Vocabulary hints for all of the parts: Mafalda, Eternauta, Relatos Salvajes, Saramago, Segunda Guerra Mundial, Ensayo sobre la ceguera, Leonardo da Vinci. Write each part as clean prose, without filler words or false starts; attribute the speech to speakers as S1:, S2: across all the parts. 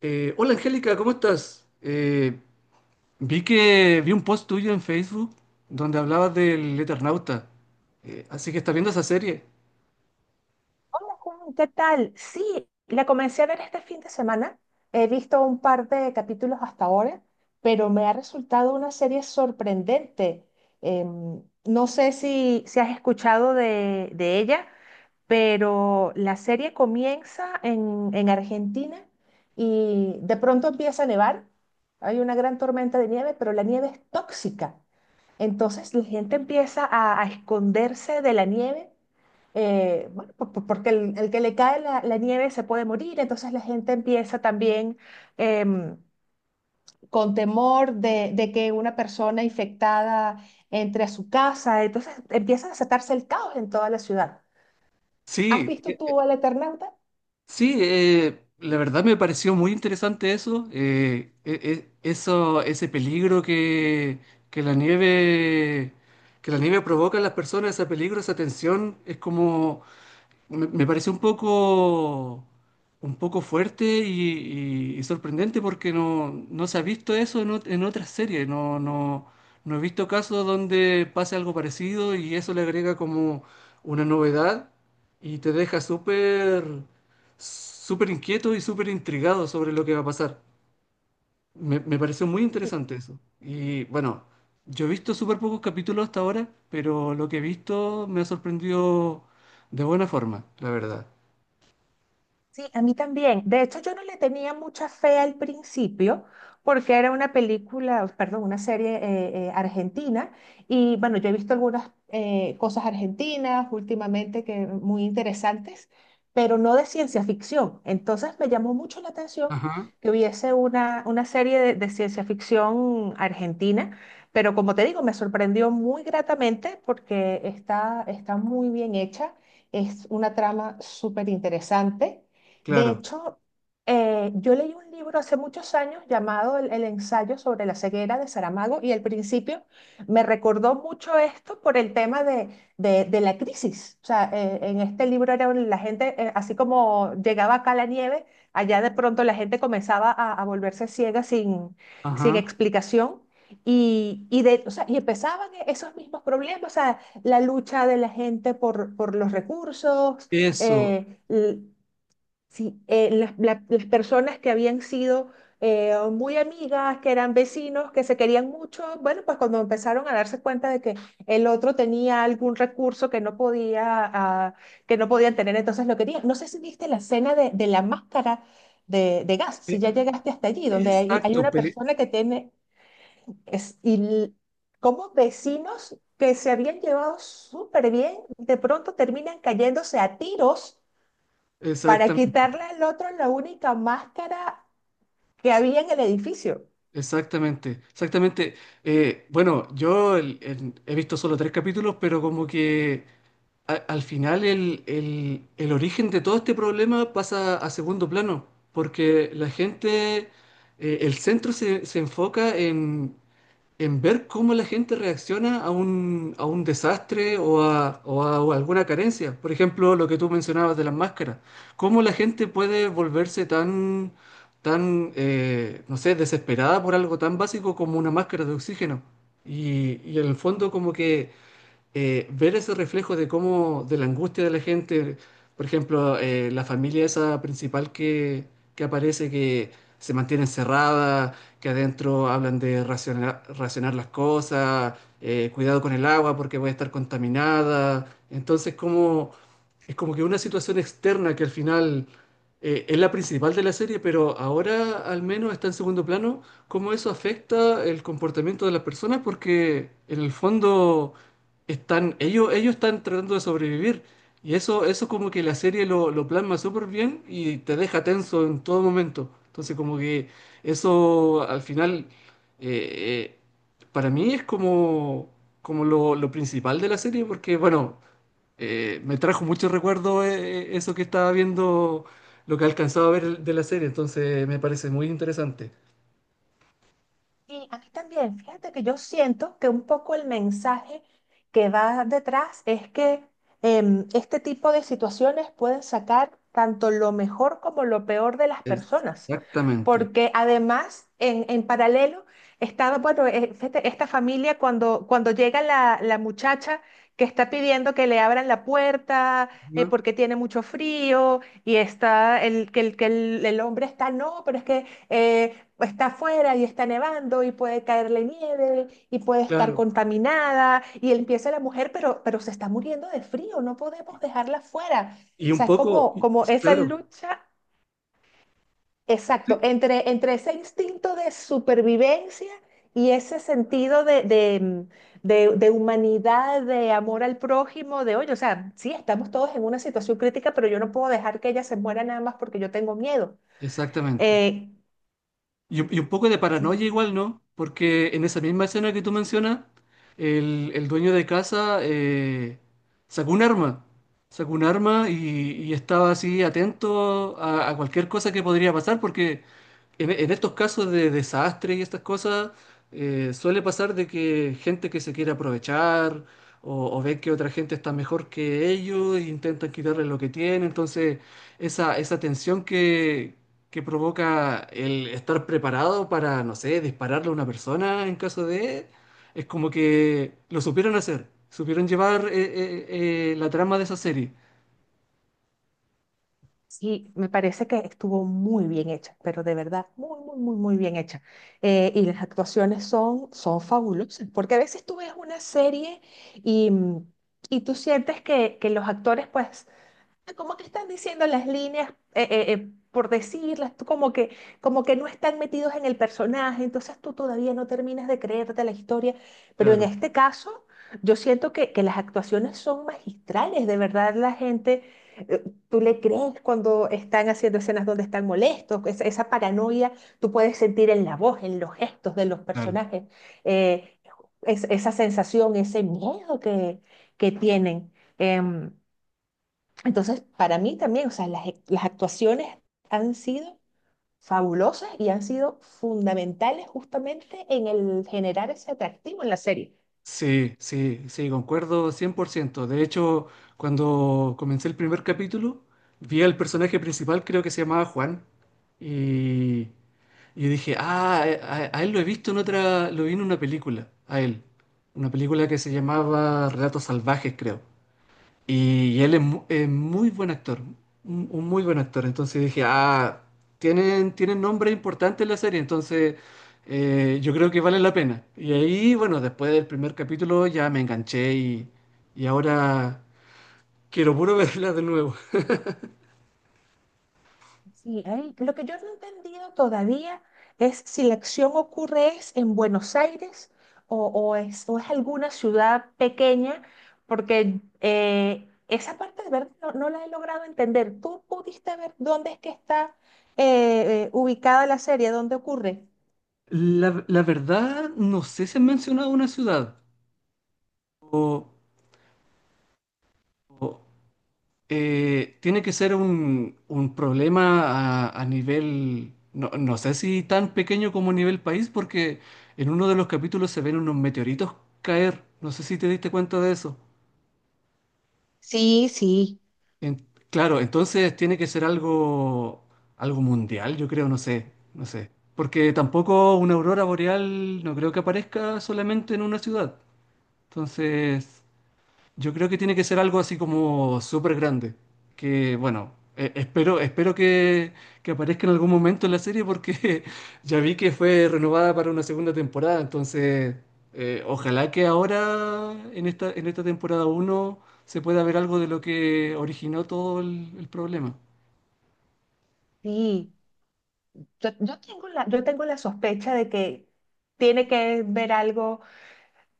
S1: Hola Angélica, ¿cómo estás? Vi que vi un post tuyo en Facebook donde hablabas del Eternauta. Así que estás viendo esa serie.
S2: Hola Juan, ¿qué tal? Sí, la comencé a ver este fin de semana. He visto un par de capítulos hasta ahora, pero me ha resultado una serie sorprendente. No sé si has escuchado de ella, pero la serie comienza en Argentina y de pronto empieza a nevar. Hay una gran tormenta de nieve, pero la nieve es tóxica. Entonces la gente empieza a esconderse de la nieve bueno, porque el que le cae la nieve se puede morir, entonces la gente empieza también em, con temor de que una persona infectada entre a su casa, entonces empieza a desatarse el caos en toda la ciudad. ¿Has
S1: Sí,
S2: visto tú al Eternauta?
S1: sí, la verdad me pareció muy interesante eso, eso, ese peligro que la nieve, que la nieve provoca en las personas, ese peligro, esa tensión, es como me pareció un poco fuerte y sorprendente porque no se ha visto eso en, en otras series. No, no, no he visto casos donde pase algo parecido y eso le agrega como una novedad y te deja súper inquieto y súper intrigado sobre lo que va a pasar. Me pareció muy interesante eso. Y bueno, yo he visto súper pocos capítulos hasta ahora, pero lo que he visto me ha sorprendido de buena forma, la verdad.
S2: Sí, a mí también. De hecho, yo no le tenía mucha fe al principio porque era una película, perdón, una serie argentina y bueno, yo he visto algunas cosas argentinas últimamente que muy interesantes, pero no de ciencia ficción. Entonces me llamó mucho la atención
S1: Ajá,
S2: que hubiese una serie de ciencia ficción argentina, pero como te digo, me sorprendió muy gratamente porque está, está muy bien hecha, es una trama súper interesante. De
S1: claro,
S2: hecho, yo leí un libro hace muchos años llamado el ensayo sobre la ceguera de Saramago y al principio me recordó mucho esto por el tema de, de la crisis. O sea, en este libro era un- la gente, así como llegaba acá la nieve, allá de pronto la gente comenzaba a volverse ciega sin, sin
S1: ajá,
S2: explicación. Y, de, o sea, y empezaban e, esos mismos problemas, o sea, la lucha de la gente por los recursos,
S1: eso,
S2: eh, sí, las, la- las personas que habían sido muy amigas, que eran vecinos, que se querían mucho, bueno, pues cuando empezaron a darse cuenta de que el otro tenía algún recurso que no podía, ah, que no podían tener, entonces lo querían. No sé si viste la escena de la máscara de gas, si
S1: e-
S2: ya llegaste hasta allí, donde hay
S1: exacto,
S2: una persona que tiene, es, y l- como vecinos que se habían llevado súper bien, de pronto terminan cayéndose a tiros para quitarle
S1: exactamente,
S2: al otro la única máscara que había en el edificio.
S1: exactamente, exactamente. Bueno, yo he visto solo tres capítulos, pero como que al final el origen de todo este problema pasa a segundo plano, porque la gente, el centro se enfoca en ver cómo la gente reacciona a un desastre o a, o a alguna carencia. Por ejemplo, lo que tú mencionabas de las máscaras. Cómo la gente puede volverse tan, tan, no sé, desesperada por algo tan básico como una máscara de oxígeno. Y en el fondo como que ver ese reflejo de cómo, de la angustia de la gente, por ejemplo, la familia esa principal que aparece, que se mantiene encerrada, que adentro hablan de racionar, racionar las cosas, cuidado con el agua porque puede estar contaminada. Entonces, ¿cómo, es como que una situación externa que al final es la principal de la serie, pero ahora al menos está en segundo plano, cómo eso afecta el comportamiento de las personas, porque en el fondo están, ellos están tratando de sobrevivir. Y eso como que la serie lo plasma súper bien y te deja tenso en todo momento. Entonces como que eso al final eh, eh, para mí es como, como lo principal de la serie porque bueno, me trajo muchos recuerdos eso que estaba viendo, lo que alcanzaba a ver de la serie, entonces me parece muy interesante.
S2: Sí, a mí también. Fíjate que yo siento que un poco el mensaje que va detrás es que este tipo de situaciones pueden sacar tanto lo mejor como lo peor de las personas.
S1: Exactamente.
S2: Porque además, en paralelo, estaba, bueno, fíjate, esta familia cuando, cuando llega la, la muchacha que está pidiendo que le abran la puerta
S1: ¿No?
S2: porque tiene mucho frío y está el, que, el, que el hombre está, no, pero es que... está afuera y está nevando y puede caerle nieve y puede estar
S1: Claro.
S2: contaminada y empieza la mujer, pero se está muriendo de frío, no podemos
S1: Y
S2: dejarla fuera.
S1: y
S2: O
S1: un
S2: sea, es
S1: poco,
S2: como, como esa
S1: claro,
S2: lucha, exacto,
S1: sí,
S2: entre, entre ese instinto de supervivencia y ese sentido de humanidad, de amor al prójimo, de, oye, o sea, sí, estamos todos en una situación crítica, pero yo no puedo dejar que ella se muera nada más porque yo tengo miedo.
S1: exactamente.
S2: Eh,
S1: Un un poco de
S2: sí.
S1: paranoia igual, ¿no? Porque en esa misma escena que tú mencionas, el dueño de casa sacó un arma, sacó un arma y estaba así atento a cualquier cosa que podría pasar, porque en estos casos de desastre y estas cosas, suele pasar de que gente que se quiere aprovechar o ven que otra gente está mejor que ellos e intentan quitarle lo que tiene. Entonces, esa tensión que provoca el estar preparado para, no sé, dispararle a una persona en caso de... Es como que lo supieron hacer, supieron llevar la trama de esa serie.
S2: Sí, me parece que estuvo muy bien hecha, pero de verdad, muy, muy, muy, muy bien hecha. Y las actuaciones son, son fabulosas, porque a veces tú ves una serie y, y tú sientes que los actores pues como que están diciendo las líneas, por decirlas, tú como que no están metidos en el personaje, entonces tú todavía no terminas de creerte la historia, pero en
S1: Claro,
S2: este caso yo siento que las actuaciones son magistrales, de verdad la gente, eh, tú le crees cuando están haciendo escenas donde están molestos, esa paranoia tú puedes sentir en la voz, en los gestos de los
S1: claro.
S2: personajes, eh, es- esa sensación, ese miedo que tienen. Em, entonces, para mí también, o sea, las, ac- las actuaciones han sido fabulosas y han sido fundamentales justamente en el generar ese atractivo en la serie.
S1: Sí, sí, sí, concuerdo 100%. De hecho, cuando comencé el primer capítulo, vi al personaje principal, creo que se llamaba Juan, y, y dije, ah, a él lo he visto en otra, lo vi en una película, a él, una película que se llamaba Relatos Salvajes, creo. Y él es, es muy buen actor, un muy buen actor. Entonces dije, ah, tienen, tienen nombre importante en la serie, entonces yo creo que vale la pena. Y ahí, bueno, después del primer capítulo ya me enganché y ahora quiero puro verla de nuevo.
S2: Sí, ahí lo que yo no he entendido todavía es si la acción ocurre es en Buenos Aires o es alguna ciudad pequeña, porque esa parte de verdad no, no la he logrado entender. ¿Tú pudiste ver dónde es que está ubicada la serie, dónde ocurre?
S1: La verdad, no sé si han mencionado una ciudad. Tiene que ser un problema a nivel, no, no sé si tan pequeño como a nivel país, porque en uno de los capítulos se ven unos meteoritos caer. No sé si te diste cuenta de eso.
S2: Sí, sí.
S1: Claro, entonces tiene que ser algo, algo mundial, yo creo, no sé, no sé. Porque tampoco una aurora boreal no creo que aparezca solamente en una ciudad. Entonces, yo creo que tiene que ser algo así como súper grande. Que bueno, espero, espero que aparezca en algún momento en la serie porque ya vi que fue renovada para una segunda temporada. Entonces, ojalá que ahora, en en esta temporada uno se pueda ver algo de lo que originó todo el problema.
S2: Sí, yo, yo tengo la sospecha de que tiene que ver algo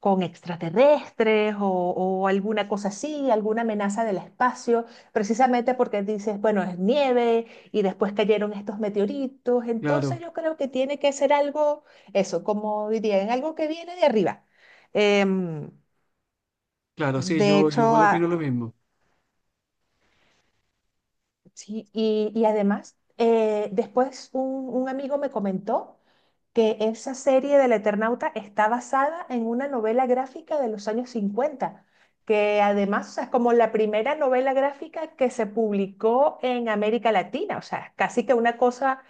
S2: con extraterrestres o alguna cosa así, alguna amenaza del espacio, precisamente porque dices, bueno, es nieve y después cayeron estos meteoritos, entonces
S1: Claro,
S2: yo creo que tiene que ser algo, eso, como dirían, algo que viene de arriba. Em,
S1: claro, sí,
S2: de
S1: yo
S2: hecho,
S1: igual opino lo
S2: a-
S1: mismo.
S2: sí, y además, después un amigo me comentó que esa serie del Eternauta está basada en una novela gráfica de los años 50 que además, o sea, es como la primera novela gráfica que se publicó en América Latina, o sea, casi que una cosa,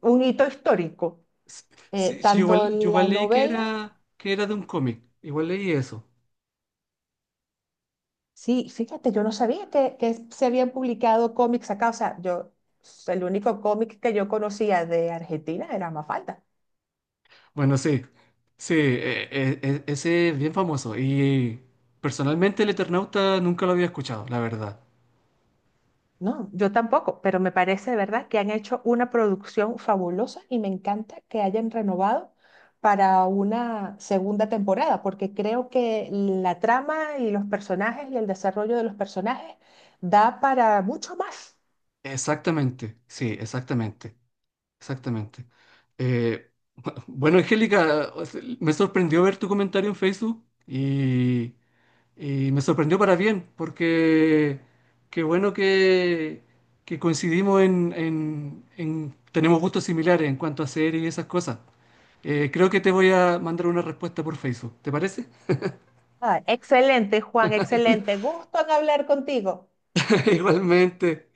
S2: un hito histórico.
S1: S- Sí, sí,
S2: Tanto
S1: igual, yo
S2: la
S1: igual leí
S2: novela,
S1: que era de un cómic. Igual leí eso.
S2: sí, fíjate, yo no sabía que se habían publicado cómics acá, o sea, yo, el único cómic que yo conocía de Argentina era Mafalda.
S1: Bueno, sí, sí, ese es bien famoso y personalmente el Eternauta nunca lo había escuchado, la verdad.
S2: No, yo tampoco, pero me parece de verdad que han hecho una producción fabulosa y me encanta que hayan renovado para una segunda temporada, porque creo que la trama y los personajes y el desarrollo de los personajes da para mucho más.
S1: Exactamente, sí, exactamente, exactamente. Bueno, Angélica, o sea, me sorprendió ver tu comentario en Facebook y me sorprendió para bien, porque qué bueno que coincidimos en, tenemos gustos similares en cuanto a series y esas cosas. Creo que te voy a mandar una respuesta por Facebook, ¿te parece?
S2: Ah, excelente, Juan, excelente. Gusto en hablar contigo.
S1: Igualmente.